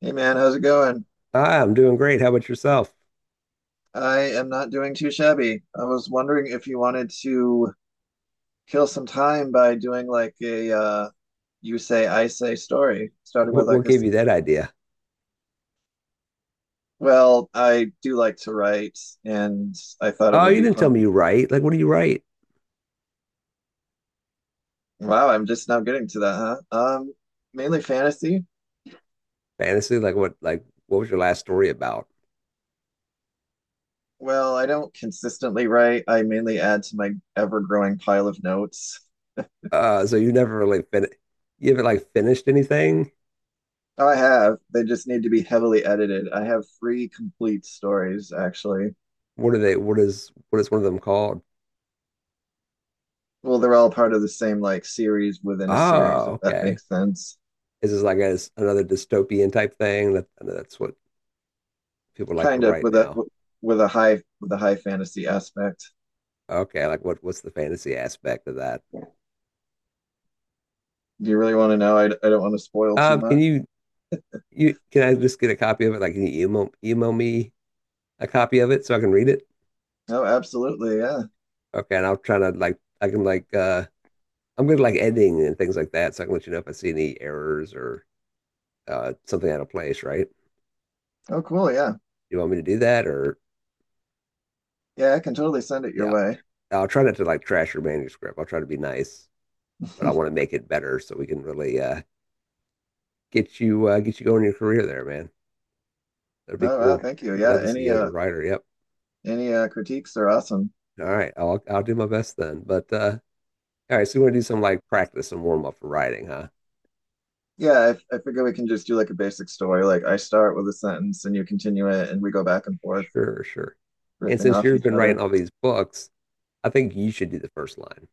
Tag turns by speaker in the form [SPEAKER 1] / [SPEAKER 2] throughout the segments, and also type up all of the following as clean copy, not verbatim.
[SPEAKER 1] Hey man, how's it going?
[SPEAKER 2] Ah, I'm doing great. How about yourself?
[SPEAKER 1] I am not doing too shabby. I was wondering if you wanted to kill some time by doing like a you say I say story, starting
[SPEAKER 2] What,
[SPEAKER 1] with
[SPEAKER 2] what
[SPEAKER 1] like a
[SPEAKER 2] gave you that idea?
[SPEAKER 1] well, I do like to write and I thought it
[SPEAKER 2] Oh,
[SPEAKER 1] would
[SPEAKER 2] you
[SPEAKER 1] be
[SPEAKER 2] didn't tell
[SPEAKER 1] fun.
[SPEAKER 2] me you write. Like, what do you write?
[SPEAKER 1] Wow, I'm just now getting to that, huh? Mainly fantasy.
[SPEAKER 2] Fantasy? Like, what? Like, what was your last story about?
[SPEAKER 1] Well, I don't consistently write. I mainly add to my ever-growing pile of notes.
[SPEAKER 2] Uh, so you never really fin you haven't like finished anything?
[SPEAKER 1] Oh, I have. They just need to be heavily edited. I have three complete stories actually.
[SPEAKER 2] What are they? What is one of them called?
[SPEAKER 1] Well, they're all part of the same like series within a series,
[SPEAKER 2] Oh,
[SPEAKER 1] if that
[SPEAKER 2] okay.
[SPEAKER 1] makes sense.
[SPEAKER 2] Is this like a, another dystopian type thing? That's what people like to
[SPEAKER 1] Kind of
[SPEAKER 2] write now.
[SPEAKER 1] with a high fantasy aspect.
[SPEAKER 2] Okay, like what? What's the fantasy aspect of that?
[SPEAKER 1] Do you really want to know? I don't want to spoil too
[SPEAKER 2] Can
[SPEAKER 1] much.
[SPEAKER 2] you You can I just get a copy of it? Like, can you email me a copy of it so I can read it?
[SPEAKER 1] Oh, absolutely. Yeah.
[SPEAKER 2] Okay, and I'll try to like I can like I'm good at like editing and things like that, so I can let you know if I see any errors or something out of place, right?
[SPEAKER 1] Oh, cool. Yeah.
[SPEAKER 2] You want me to do that or
[SPEAKER 1] Yeah, I can totally send it your
[SPEAKER 2] yeah.
[SPEAKER 1] way.
[SPEAKER 2] I'll try not to like trash your manuscript. I'll try to be nice, but I want to make it better so we can really get you going in your career there, man. That'd be
[SPEAKER 1] Oh, wow.
[SPEAKER 2] cool.
[SPEAKER 1] Thank you.
[SPEAKER 2] I'd love
[SPEAKER 1] Yeah.
[SPEAKER 2] to, yeah, see you as a writer. Yep.
[SPEAKER 1] Any critiques are awesome.
[SPEAKER 2] All right. I'll do my best then. But All right, so you want to do some like practice and warm up for writing, huh?
[SPEAKER 1] Yeah, I figure we can just do like a basic story. Like I start with a sentence and you continue it and we go back and forth
[SPEAKER 2] Sure, sure. And
[SPEAKER 1] riffing
[SPEAKER 2] since
[SPEAKER 1] off
[SPEAKER 2] you've
[SPEAKER 1] each
[SPEAKER 2] been writing
[SPEAKER 1] other.
[SPEAKER 2] all these books, I think you should do the first line.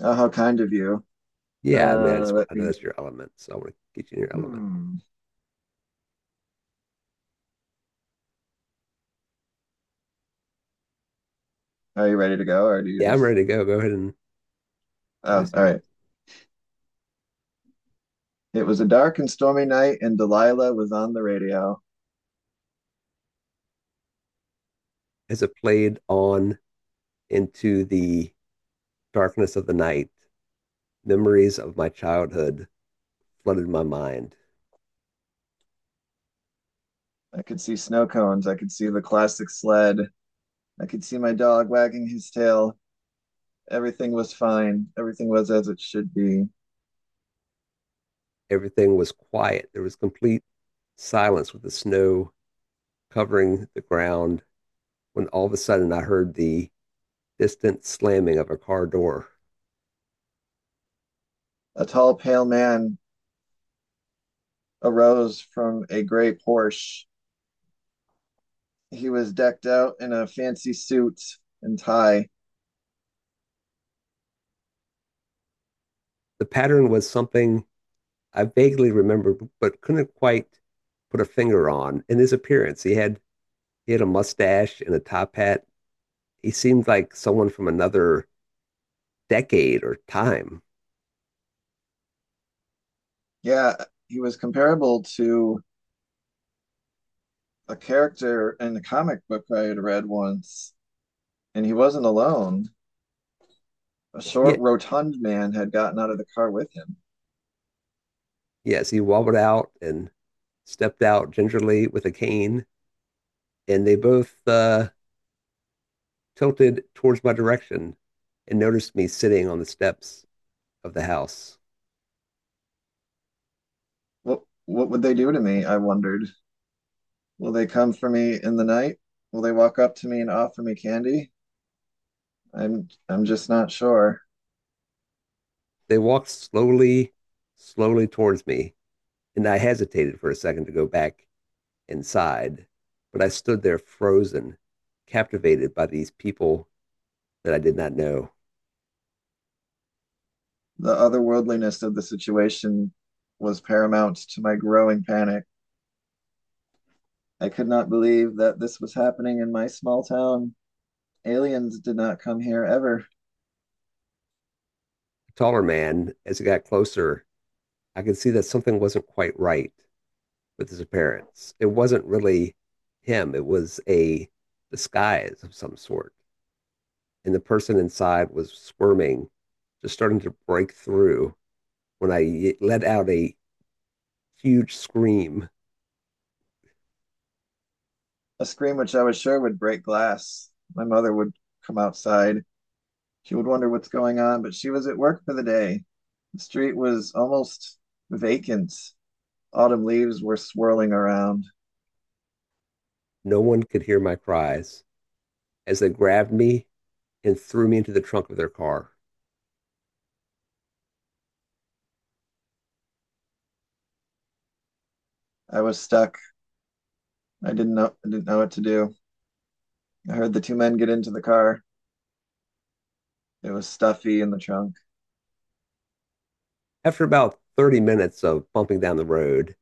[SPEAKER 1] Oh, how kind of you.
[SPEAKER 2] Yeah, I mean,
[SPEAKER 1] Let
[SPEAKER 2] I know
[SPEAKER 1] me.
[SPEAKER 2] that's your element, so I want to get you in your element.
[SPEAKER 1] Hmm. Are you ready to go, or do you
[SPEAKER 2] Yeah, I'm
[SPEAKER 1] just?
[SPEAKER 2] ready to go. Go ahead and let me
[SPEAKER 1] Oh,
[SPEAKER 2] see.
[SPEAKER 1] all
[SPEAKER 2] Your,
[SPEAKER 1] right. It was a dark and stormy night, and Delilah was on the radio.
[SPEAKER 2] as it played on into the darkness of the night, memories of my childhood flooded my mind.
[SPEAKER 1] I could see snow cones. I could see the classic sled. I could see my dog wagging his tail. Everything was fine. Everything was as it should be.
[SPEAKER 2] Everything was quiet. There was complete silence with the snow covering the ground when all of a sudden I heard the distant slamming of a car door.
[SPEAKER 1] A tall, pale man arose from a gray Porsche. He was decked out in a fancy suit and tie.
[SPEAKER 2] The pattern was something I vaguely remembered, but couldn't quite put a finger on. In his appearance, he had He had a mustache and a top hat. He seemed like someone from another decade or time.
[SPEAKER 1] Yeah, he was comparable to a character in the comic book I had read once, and he wasn't alone. A
[SPEAKER 2] Yeah,
[SPEAKER 1] short, rotund man had gotten out of the car with him.
[SPEAKER 2] yes, he wobbled out and stepped out gingerly with a cane, and they both tilted towards my direction and noticed me sitting on the steps of the house.
[SPEAKER 1] What would they do to me? I wondered. Will they come for me in the night? Will they walk up to me and offer me candy? I'm just not sure.
[SPEAKER 2] They walked slowly towards me, and I hesitated for a second to go back inside, but I stood there frozen, captivated by these people that I did not know.
[SPEAKER 1] The otherworldliness of the situation was paramount to my growing panic. I could not believe that this was happening in my small town. Aliens did not come here ever.
[SPEAKER 2] Taller man, as it got closer, I could see that something wasn't quite right with his appearance. It wasn't really him, it was a disguise of some sort. And the person inside was squirming, just starting to break through when I let out a huge scream.
[SPEAKER 1] A scream which I was sure would break glass. My mother would come outside. She would wonder what's going on, but she was at work for the day. The street was almost vacant. Autumn leaves were swirling around.
[SPEAKER 2] No one could hear my cries as they grabbed me and threw me into the trunk of their car.
[SPEAKER 1] I was stuck. I didn't know what to do. I heard the two men get into the car. It was stuffy in the trunk.
[SPEAKER 2] After about 30 minutes of bumping down the road,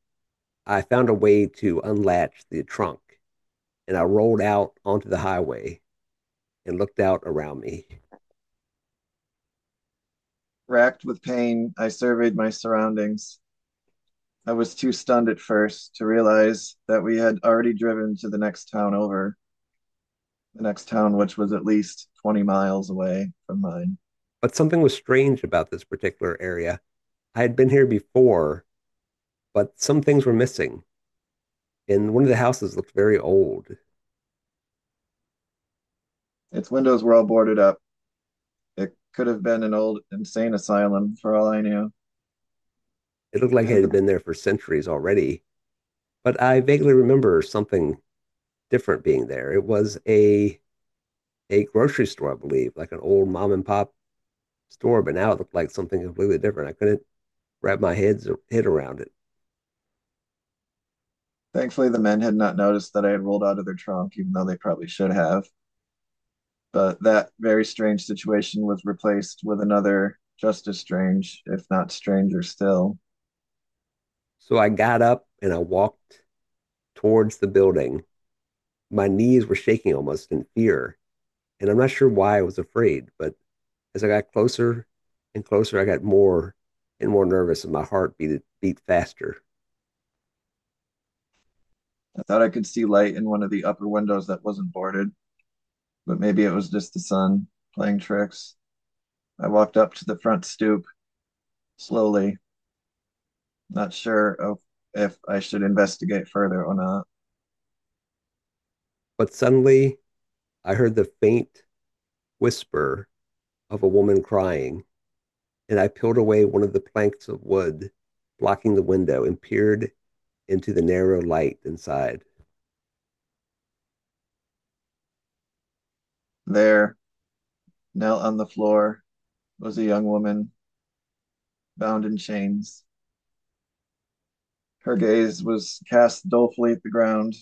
[SPEAKER 2] I found a way to unlatch the trunk and I rolled out onto the highway and looked out around me.
[SPEAKER 1] Racked with pain, I surveyed my surroundings. I was too stunned at first to realize that we had already driven to the next town over, the next town which was at least 20 miles away from mine.
[SPEAKER 2] But something was strange about this particular area. I had been here before, but some things were missing. And one of the houses looked very old.
[SPEAKER 1] Its windows were all boarded up. It could have been an old insane asylum for all I knew.
[SPEAKER 2] It looked
[SPEAKER 1] I
[SPEAKER 2] like it
[SPEAKER 1] Had
[SPEAKER 2] had
[SPEAKER 1] the
[SPEAKER 2] been there for centuries already. But I vaguely remember something different being there. It was a grocery store, I believe, like an old mom and pop store, but now it looked like something completely different. I couldn't wrap my head around it.
[SPEAKER 1] Thankfully the men had not noticed that I had rolled out of their trunk, even though they probably should have. But that very strange situation was replaced with another just as strange, if not stranger still.
[SPEAKER 2] So I got up and I walked towards the building. My knees were shaking almost in fear. And I'm not sure why I was afraid, but as I got closer and closer, I got more and more nervous and my heart beat faster.
[SPEAKER 1] I thought I could see light in one of the upper windows that wasn't boarded, but maybe it was just the sun playing tricks. I walked up to the front stoop slowly, not sure of if I should investigate further or not.
[SPEAKER 2] But suddenly I heard the faint whisper of a woman crying, and I peeled away one of the planks of wood blocking the window and peered into the narrow light inside.
[SPEAKER 1] There, knelt on the floor, was a young woman bound in chains. Her gaze was cast dolefully at the ground.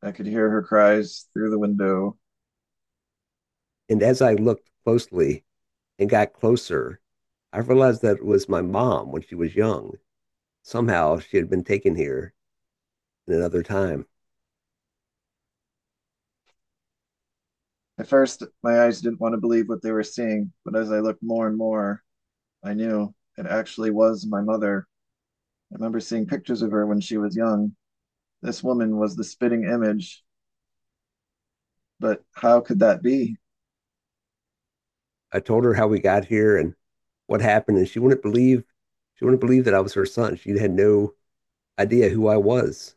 [SPEAKER 1] I could hear her cries through the window.
[SPEAKER 2] And as I looked closely and got closer, I realized that it was my mom when she was young. Somehow she had been taken here in another time.
[SPEAKER 1] At first, my eyes didn't want to believe what they were seeing, but as I looked more and more, I knew it actually was my mother. I remember seeing pictures of her when she was young. This woman was the spitting image, but how could that be?
[SPEAKER 2] I told her how we got here and what happened, and she wouldn't believe that I was her son. She had no idea who I was.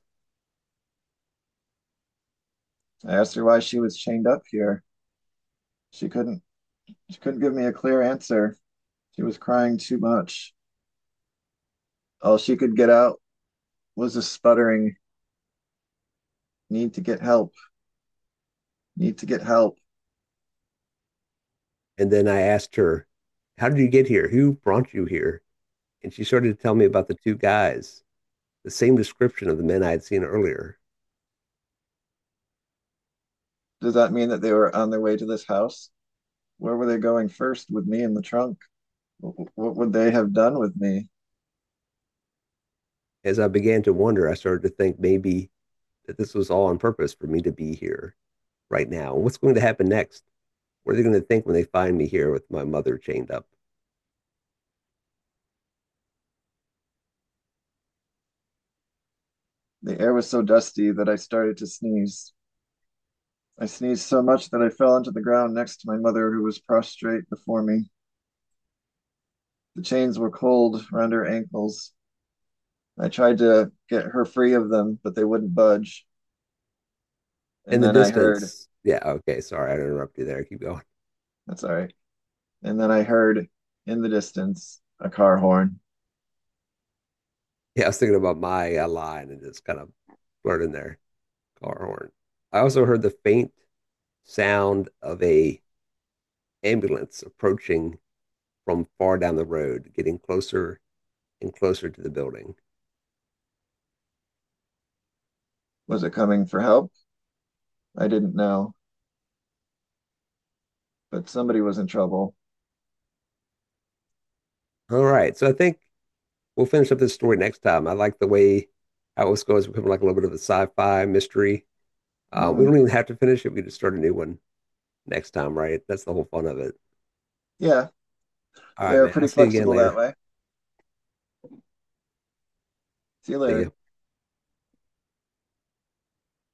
[SPEAKER 1] I asked her why she was chained up here. She couldn't she couldn't give me a clear answer. She was crying too much. All she could get out was a sputtering need to get help, need to get help.
[SPEAKER 2] And then I asked her, how did you get here? Who brought you here? And she started to tell me about the two guys, the same description of the men I had seen earlier.
[SPEAKER 1] Does that mean that they were on their way to this house? Where were they going first with me in the trunk? What would they have done with me?
[SPEAKER 2] As I began to wonder, I started to think maybe that this was all on purpose for me to be here right now. What's going to happen next? What are they going to think when they find me here with my mother chained up?
[SPEAKER 1] The air was so dusty that I started to sneeze. I sneezed so much that I fell onto the ground next to my mother, who was prostrate before me. The chains were cold around her ankles. I tried to get her free of them, but they wouldn't budge.
[SPEAKER 2] In
[SPEAKER 1] And
[SPEAKER 2] the
[SPEAKER 1] then I heard,
[SPEAKER 2] distance, yeah, okay, sorry, I interrupted you there. Keep going.
[SPEAKER 1] that's all right. And then I heard in the distance a car horn.
[SPEAKER 2] Yeah, I was thinking about my line and just kind of blurted there. Car horn. I also heard the faint sound of a ambulance approaching from far down the road, getting closer and closer to the building.
[SPEAKER 1] Was it coming for help? I didn't know. But somebody was in trouble.
[SPEAKER 2] All right, so I think we'll finish up this story next time. I like the way how it's this goes, becoming like a little bit of a sci-fi mystery. We
[SPEAKER 1] Mhm.
[SPEAKER 2] don't even have to finish it; we can just start a new one next time, right? That's the whole fun of it.
[SPEAKER 1] Yeah,
[SPEAKER 2] All
[SPEAKER 1] they
[SPEAKER 2] right,
[SPEAKER 1] are
[SPEAKER 2] man. I'll
[SPEAKER 1] pretty
[SPEAKER 2] see you again
[SPEAKER 1] flexible that
[SPEAKER 2] later.
[SPEAKER 1] way. See you
[SPEAKER 2] See ya.
[SPEAKER 1] later.